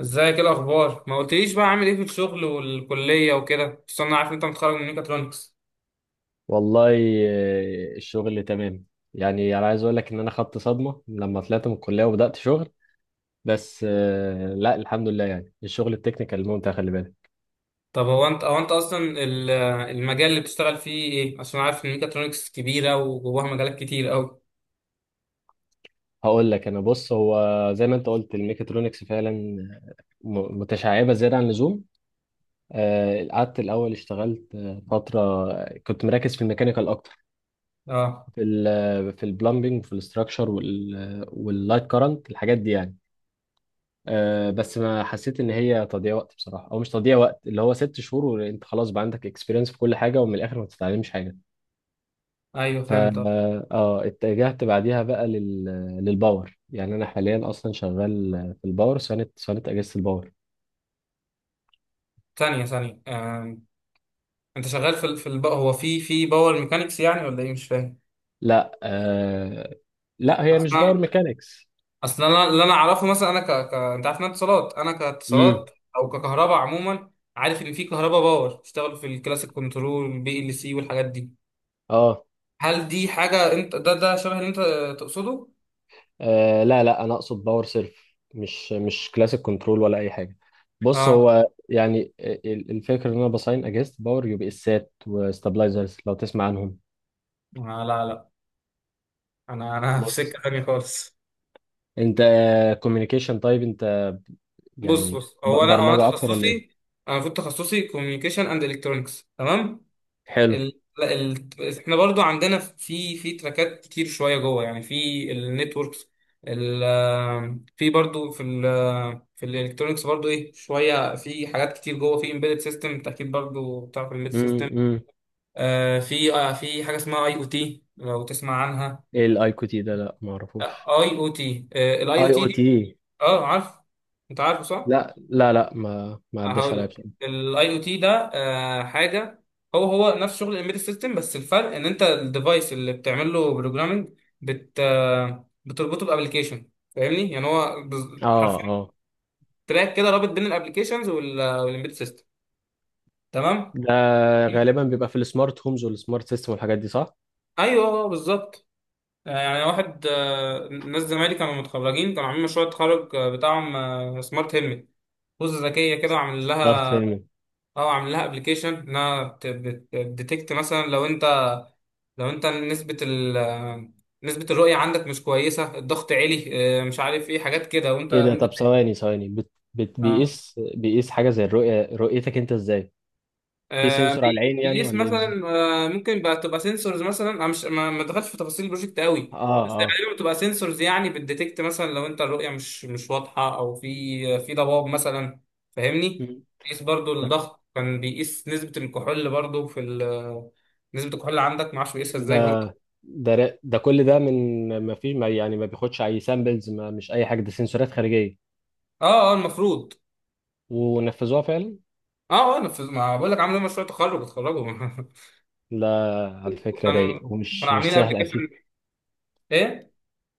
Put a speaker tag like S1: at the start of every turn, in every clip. S1: ازيك؟ ايه الاخبار؟ ما قلتليش بقى، عامل ايه في الشغل والكليه وكده؟ بس انا عارف إن انت متخرج من ميكاترونكس.
S2: والله الشغل تمام. يعني انا عايز اقول لك ان انا خدت صدمه لما طلعت من الكليه وبدات شغل. بس لا الحمد لله، يعني الشغل التكنيكال ممتع، خلي بالك.
S1: طب هو انت اصلا المجال اللي بتشتغل فيه ايه؟ عشان عارف ان ميكاترونكس كبيره وجواها مجالات كتير قوي.
S2: هقول لك انا، بص، هو زي ما انت قلت الميكاترونكس فعلا، متشعبه زياده عن اللزوم. قعدت الاول اشتغلت فتره، كنت مركز في الميكانيكال اكتر،
S1: اه،
S2: في البلمبنج وفي الاستراكشر واللايت كارنت، الحاجات دي يعني. أه، بس ما حسيت ان هي تضييع وقت بصراحه، او مش تضييع وقت، اللي هو ست شهور وانت خلاص بقى عندك اكسبيرينس في كل حاجه، ومن الاخر ما بتتعلمش حاجه.
S1: ايوه
S2: ف
S1: فهمت آه.
S2: اه اتجهت بعديها بقى للباور، يعني انا حاليا اصلا شغال في الباور، صيانه اجهزه الباور.
S1: ثانيه ثانيه آه. انت شغال هو في باور ميكانيكس يعني ولا ايه؟ مش فاهم
S2: لا لا هي مش
S1: اصلا.
S2: باور ميكانيكس.
S1: اصلا انا اللي اعرفه مثلا، انت عارف إن انا اتصالات، انا
S2: امم.
S1: كاتصالات او ككهرباء عموما. عارف ان في كهرباء باور بيشتغلوا في الكلاسيك كنترول، البي ال سي والحاجات دي.
S2: اه.
S1: هل دي حاجة انت ده شبه اللي انت تقصده؟
S2: آه، لا انا اقصد باور سيرف، مش كلاسيك كنترول ولا اي حاجه. بص،
S1: اه
S2: هو يعني الفكره ان انا بصين اجهزه باور، يو بي اسات وستابلايزرز، لو تسمع عنهم.
S1: آه، لا لا، انا في
S2: بص،
S1: سكة تانية خالص.
S2: انت كوميونيكيشن، طيب انت
S1: بص
S2: يعني
S1: بص هو انا هو انا
S2: برمجه اكتر ولا ايه؟
S1: تخصصي، انا المفروض تخصصي كوميونيكيشن اند الكترونكس، تمام.
S2: حلو.
S1: لا، احنا برضو عندنا في تراكات كتير شوية جوه يعني، في النتوركس، ال... في برضو في الالكترونكس برضو ايه شوية، في حاجات كتير جوه، في امبيدد سيستم. انت اكيد برضو بتعرف الامبيدد
S2: امم،
S1: سيستم.
S2: امم.
S1: آه في في حاجة اسمها اي او تي، لو تسمع عنها.
S2: ايه الاي كيو تي ده؟ لا ما اعرفوش.
S1: اي او تي، الاي
S2: اي
S1: او تي
S2: او
S1: دي
S2: تي؟
S1: اه عارف، انت عارفه صح.
S2: لا ما عداش
S1: هقول
S2: عليا
S1: لك
S2: بصراحه.
S1: الاي او تي ده حاجه هو نفس شغل الامبيدد سيستم، بس الفرق ان انت الديفايس اللي بتعمل له بروجرامنج بت آه، بتربطه بابلكيشن. فاهمني؟ يعني هو
S2: اه
S1: حرفيا
S2: اه.
S1: تراك كده رابط بين الابلكيشنز والامبيدد سيستم، تمام.
S2: ده غالبا بيبقى في السمارت هومز والسمارت سيستم والحاجات دي، صح؟
S1: ايوه آه، بالظبط. يعني واحد آه، ناس زمايلي كانوا متخرجين، كانوا عاملين مشروع التخرج بتاعهم سمارت هيلمت، بوزة ذكية كده عامل.
S2: سمارت.
S1: اه عامل لها ابلكيشن، انها بتديتكت مثلا لو انت، لو انت نسبة الرؤية عندك مش كويسة، الضغط عالي، مش عارف ايه، حاجات كده، وانت
S2: ايه ده؟
S1: وانت.
S2: طب ثواني،
S1: اه
S2: بيقيس حاجه زي الرؤيه، رؤيتك انت ازاي؟ في سنسور على العين يعني
S1: بيقيس
S2: ولا ايه بالظبط؟
S1: مثلا. ممكن بقى تبقى سنسورز مثلا، انا مش ما دخلتش في تفاصيل البروجكت قوي،
S2: اه
S1: بس
S2: اه.
S1: غالبا بتبقى سنسورز يعني، بتديتكت مثلا لو انت الرؤية مش واضحة، او في ضباب مثلا، فاهمني؟
S2: مم.
S1: بيقيس برضو الضغط، كان بيقيس نسبة الكحول برضو نسبة الكحول اللي عندك، معرفش بيقيسها ازاي
S2: ده
S1: برضو.
S2: ده كل ده من... ما فيش، ما يعني ما بياخدش اي سامبلز، ما مش اي حاجه، ده سنسورات خارجيه.
S1: اه اه المفروض.
S2: ونفذوها فعلا.
S1: اه اه، أنا ما بقول لك، عملوا مشروع تخرج اتخرجوا
S2: لا، على فكره رايق،
S1: كانوا كانوا
S2: ومش مش
S1: عاملين
S2: سهل
S1: ابلكيشن.
S2: اكيد.
S1: ايه؟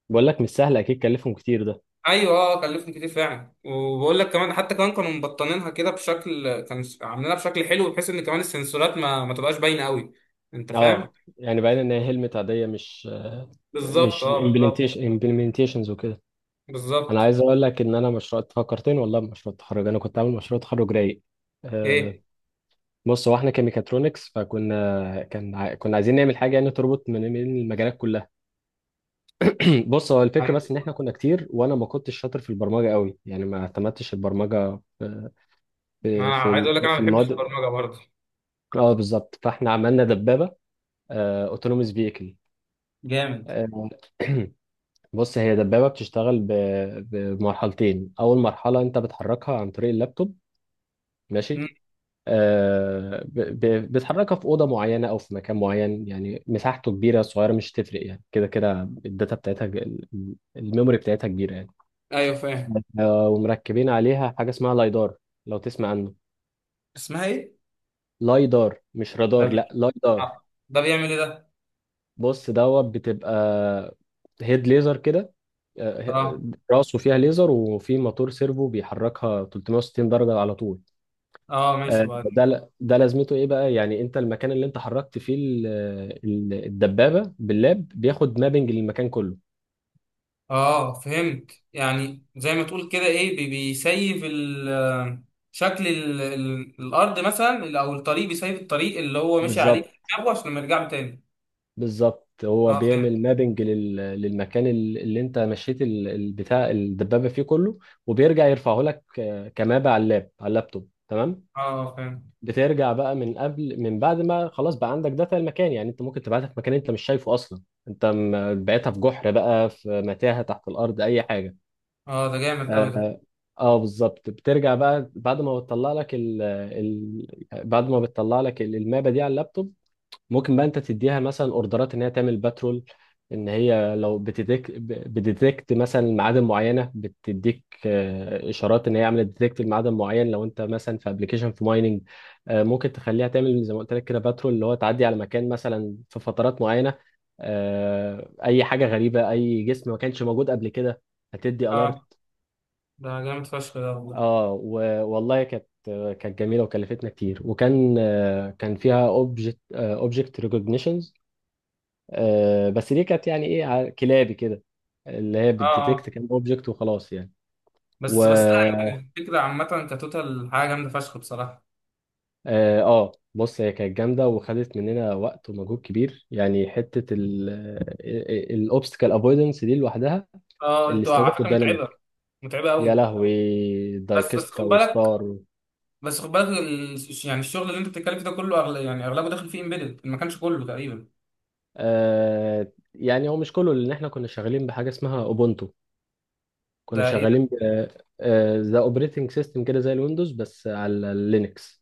S2: بقول لك مش سهل اكيد، كلفهم كتير ده.
S1: ايوه اه، كلفهم كتير فعلا. وبقول لك كمان، حتى كمان كانوا مبطنينها كده بشكل، كانوا عاملينها بشكل حلو، بحيث ان كمان السنسورات ما تبقاش باينه قوي. انت فاهم؟
S2: اه، يعني باين ان هي هلمت عاديه، مش
S1: بالظبط
S2: مش
S1: اه بالظبط.
S2: امبلمنتيشن، امبلمنتيشنز وكده. انا
S1: بالظبط.
S2: عايز اقول لك ان انا مشروع، فكرتني والله بمشروع التخرج، انا كنت عامل مشروع تخرج رايق. أه.
S1: ايه،
S2: بص، هو احنا كميكاترونكس، فكنا كنا عايزين نعمل حاجه يعني تربط من المجالات كلها. بص، هو الفكره
S1: عايز،
S2: بس ان احنا كنا كتير، وانا ما كنتش شاطر في البرمجه قوي، يعني ما اعتمدتش البرمجه في
S1: انا عايز اقول لك انا ما
S2: في
S1: بحبش
S2: المواد.
S1: البرمجه برضه.
S2: اه بالظبط، فاحنا عملنا دبابه اوتونوموس فيكل.
S1: جامد.
S2: بص، هي دبابه بتشتغل بمرحلتين، اول مرحله انت بتحركها عن طريق اللابتوب، ماشي.
S1: مم.
S2: آه، ب- بتحركها في اوضه معينه او في مكان معين، يعني مساحته كبيره صغيره مش تفرق، يعني كده كده الداتا بتاعتها، الميموري بتاعتها كبيره يعني.
S1: ايوه فاهم.
S2: ومركبين عليها حاجه اسمها لايدار، لو تسمع عنه.
S1: اسمها ايه؟
S2: لايدار، مش
S1: ده
S2: رادار، لا
S1: بي-
S2: لايدار.
S1: آه. ده بيعمل ايه ده؟
S2: بص، دوت بتبقى هيد ليزر كده. آه،
S1: اه
S2: راسه فيها ليزر، وفي موتور سيرفو بيحركها 360 درجه على طول.
S1: اه ماشي.
S2: ده لازمته ايه بقى؟ يعني انت المكان اللي انت حركت فيه الدبابه باللاب، بياخد مابنج للمكان كله.
S1: اه فهمت. يعني زي ما تقول كده ايه بيسيف شكل الارض مثلا، او الطريق، بيسيف الطريق اللي هو مشي عليه في
S2: بالظبط.
S1: دماغه، عشان ما يرجع له تاني.
S2: هو
S1: اه فهمت.
S2: بيعمل مابنج للمكان، اللي انت مشيت بتاع الدبابه فيه كله. وبيرجع يرفعه لك كمابة على اللاب على اللابتوب، تمام.
S1: اه فهمت.
S2: بترجع بقى من قبل، من بعد ما خلاص بقى عندك داتا المكان، يعني انت ممكن تبعتها في مكان انت مش شايفه اصلا، انت بعتها في جحر بقى، في متاهه تحت الارض، اي حاجه.
S1: اه ده جامد قوي ده.
S2: اه. بالظبط. بترجع بقى بعد ما بتطلع لك بعد ما بتطلع لك المابة دي على اللابتوب. ممكن بقى انت تديها مثلا اوردرات ان هي تعمل باترول، ان هي لو بتديك بتديتكت مثلا معادن معينه، بتديك اشارات ان هي عملت ديتكت لمعدن معين لو انت مثلا في ابلكيشن في مايننج. ممكن تخليها تعمل زي ما قلت لك كده باترول، اللي هو تعدي على مكان مثلا في فترات معينه، اي حاجه غريبه، اي جسم ما كانش موجود قبل كده، هتدي الارت.
S1: اه ده جامد فشخ ده والله.
S2: اه، والله كانت، كانت جميله وكلفتنا كتير، وكان كان فيها اوبجكت ريكوجنيشنز، بس دي كانت يعني ايه كلابي كده، اللي هي
S1: اه اه.
S2: بتديتكت كام اوبجكت وخلاص يعني. و
S1: بس بس لا،
S2: اه.
S1: الفكره عامه كتوتال حاجه جامده فشخ بصراحه.
S2: بص هي كانت جامده وخدت مننا وقت ومجهود كبير، يعني حته الاوبستكل افويدنس دي لوحدها،
S1: اه انتوا على
S2: الاستاتيك
S1: فكره
S2: والديناميك،
S1: متعبه، متعبه
S2: يا
S1: قوي.
S2: لهوي،
S1: بس بس خد
S2: دايكسترا
S1: بالك،
S2: وستار.
S1: بس خد بالك يعني الشغل اللي انت بتتكلم فيه ده كله يعني اغلبه داخل فيه امبيدد، ما كانش كله تقريبا.
S2: يعني هو مش كله، لان احنا كنا شغالين بحاجه اسمها اوبونتو، كنا
S1: ده
S2: شغالين ذا اوبريتنج سيستم كده زي الويندوز بس على اللينكس.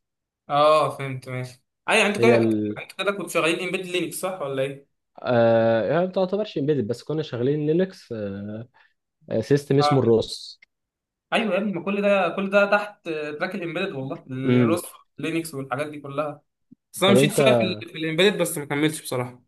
S1: اه فهمت ماشي. ايوه انتوا
S2: هي اه
S1: كده،
S2: ال.
S1: انتوا كده كنتوا شغالين امبيدد لينكس، صح ولا ايه؟
S2: آه، يعني ما تعتبرش امبيدد، بس كنا شغالين لينكس، آه سيستم اسمه
S1: اه
S2: الروس.
S1: ايوه يا ابني، ما كل ده كل ده تحت تراك الامبيدد، والله
S2: امم.
S1: الروس لينكس والحاجات دي كلها. بس انا
S2: طب
S1: مشيت
S2: انت،
S1: شويه في، في الامبيدد، بس ما كملتش بصراحه.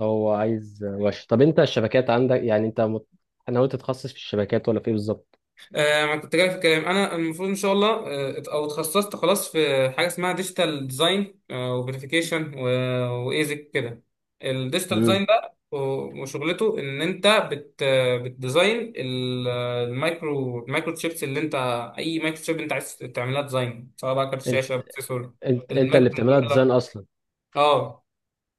S2: او عايز، ماشي، طب انت الشبكات عندك، يعني انت ناوي تتخصص في الشبكات ولا في ايه بالظبط؟
S1: ما كنت جاي في الكلام، انا المفروض ان شاء الله او اتخصصت خلاص في حاجه اسمها ديجيتال ديزاين وفيريفيكيشن، وايزك كده. الديجيتال
S2: امم.
S1: ديزاين ده وشغلته ان انت بتديزاين المايكرو تشيبس، اللي انت، اي مايكرو تشيب انت عايز تعملها ديزاين، سواء بقى كارت
S2: انت،
S1: شاشه، بروسيسور،
S2: انت اللي
S1: المايكرو
S2: بتعملها
S1: كنترولر.
S2: ديزاين اصلا؟
S1: اه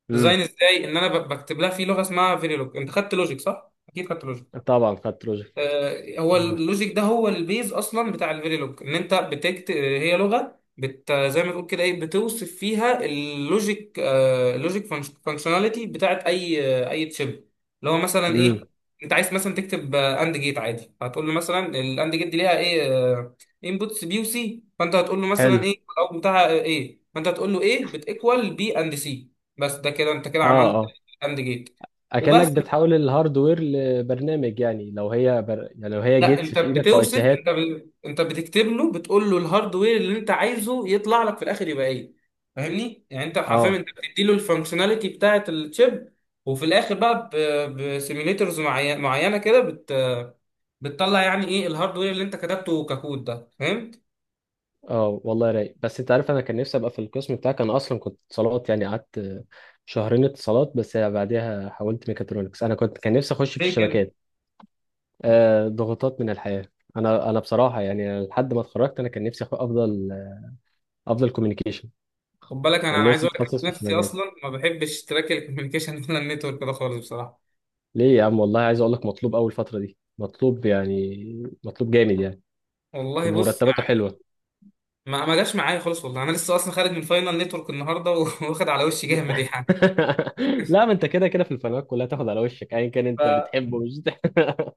S2: امم.
S1: ديزاين ازاي؟ ان انا بكتب لها في لغه اسمها فيريلوج. انت خدت لوجيك صح، اكيد خدت لوجيك.
S2: طبعا خدت بروجكت.
S1: هو اللوجيك ده هو البيز اصلا بتاع الفيريلوج، ان انت بتكت، هي لغه بت زي ما تقول كده ايه، بتوصف فيها اللوجيك اللوجيك فانكشناليتي بتاعت اي تشيب، اللي هو مثلا
S2: امم.
S1: ايه، انت عايز مثلا تكتب اند جيت عادي، هتقول له مثلا الاند جيت دي ليها ايه انبوتس، بي وسي، فانت هتقول له
S2: حلو.
S1: مثلا ايه الاوت بتاعها ايه، فانت هتقول له ايه بتيكوال بي اند سي. بس ده كده انت كده عملت
S2: اه.
S1: اند جيت
S2: اكنك
S1: وبس.
S2: بتحول الهاردوير لبرنامج، يعني لو هي يعني لو هي
S1: لا
S2: جيتس
S1: انت
S2: في ايدك في اي
S1: بتوصف، انت
S2: سيهات.
S1: انت بتكتب له، بتقول له الهاردوير اللي انت عايزه يطلع لك في الاخر يبقى ايه، فاهمني؟ يعني انت حرفيا
S2: اه.
S1: انت بتدي له الفانكشناليتي بتاعه الشيب، وفي الاخر بقى بسيميليترز معينه كده بتطلع يعني ايه الهاردوير اللي انت كتبته ككود ده، فهمت؟
S2: اه والله رايق. بس انت عارف انا كان نفسي ابقى في القسم بتاعك، انا اصلا كنت اتصالات، يعني قعدت شهرين اتصالات بس بعدها حولت ميكاترونكس، انا كنت كان نفسي اخش في
S1: ليه كده؟
S2: الشبكات. آه، ضغوطات من الحياه. انا بصراحه يعني، أنا لحد ما اتخرجت انا كان نفسي افضل، افضل كوميونيكيشن.
S1: خد بالك، انا
S2: كان
S1: انا عايز
S2: نفسي
S1: اقول لك
S2: اتخصص في
S1: أنا نفسي
S2: الشبكات.
S1: اصلا ما بحبش تراك الكوميونيكيشن ولا النتورك ده خالص بصراحه.
S2: ليه يا عم؟ والله عايز اقول لك مطلوب، اول فتره دي مطلوب، يعني مطلوب جامد يعني،
S1: والله بص
S2: ومرتباته
S1: يعني،
S2: حلوه.
S1: ما جاش معايا خالص والله، انا لسه اصلا خارج من فاينل نتورك النهارده واخد على وشي جامد يعني.
S2: لا، ما انت كده كده في الفنادق كلها تاخد على وشك ايا كان
S1: ف...
S2: انت بتحبه، مش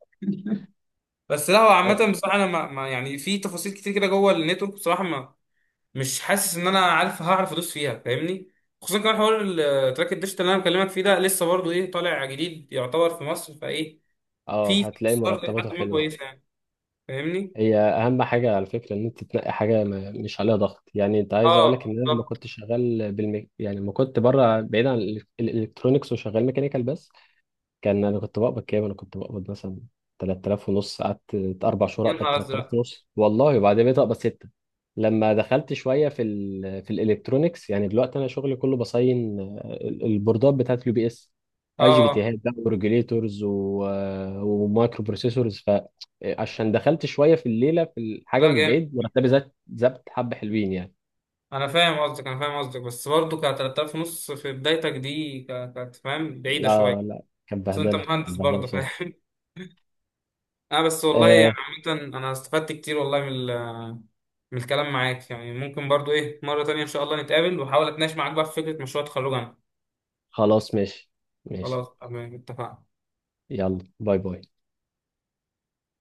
S1: بس لا هو عامة بصراحة، أنا ما يعني في تفاصيل كتير كده جوه النتورك بصراحة، ما مش حاسس إن أنا عارف هعرف أدوس فيها، فاهمني؟ خصوصا كمان حوار التراك الديجيتال اللي أنا بكلمك فيه ده، لسه برضه إيه طالع جديد يعتبر في مصر، فإيه
S2: اه
S1: في
S2: هتلاقي
S1: فرص برضه إيه
S2: مرتباته
S1: حد ما
S2: حلوه.
S1: كويسة يعني، فاهمني؟
S2: هي اهم حاجه على فكره ان انت تنقي حاجه ما مش عليها ضغط، يعني انت عايز اقول
S1: أه
S2: لك ان انا لما
S1: بالظبط.
S2: كنت شغال يعني لما كنت بره بعيد عن الالكترونكس وشغال ميكانيكال بس، كان انا كنت بقبض كام؟ انا كنت بقبض مثلا 3000 ونص، قعدت اربع شهور
S1: يا
S2: اقبض
S1: نهار
S2: 3000
S1: أزرق.
S2: ونص والله، وبعدين بقيت اقبض ستة. لما دخلت شويه في الالكترونيكس، يعني دلوقتي انا شغلي كله بصين البوردات بتاعت اليو بي اس، اي جي بي تي
S1: أه
S2: هات بقى وريجوليتورز ومايكرو بروسيسورز، فعشان دخلت شويه في الليله في الحاجه
S1: لا
S2: مش
S1: جامد.
S2: بعيد مرتبي زاد، حبه حلوين يعني.
S1: أنا فاهم قصدك، أنا فاهم قصدك، بس برضه ك 3000 ونص في بدايتك دي كانت فاهم بعيدة
S2: لا
S1: شوية.
S2: لا كانت
S1: بس أنت
S2: بهدله،
S1: مهندس
S2: كانت بهدله
S1: برضه،
S2: بصراحه.
S1: فاهم؟ اه بس والله يعني،
S2: آه.
S1: عامة انا استفدت كتير والله من من الكلام معاك. يعني ممكن برضو ايه مرة تانية ان شاء الله نتقابل، واحاول اتناقش معاك بقى في فكرة مشروع تخرجنا.
S2: خلاص ماشي. ماشي.
S1: خلاص تمام، اتفقنا.
S2: يلا باي باي.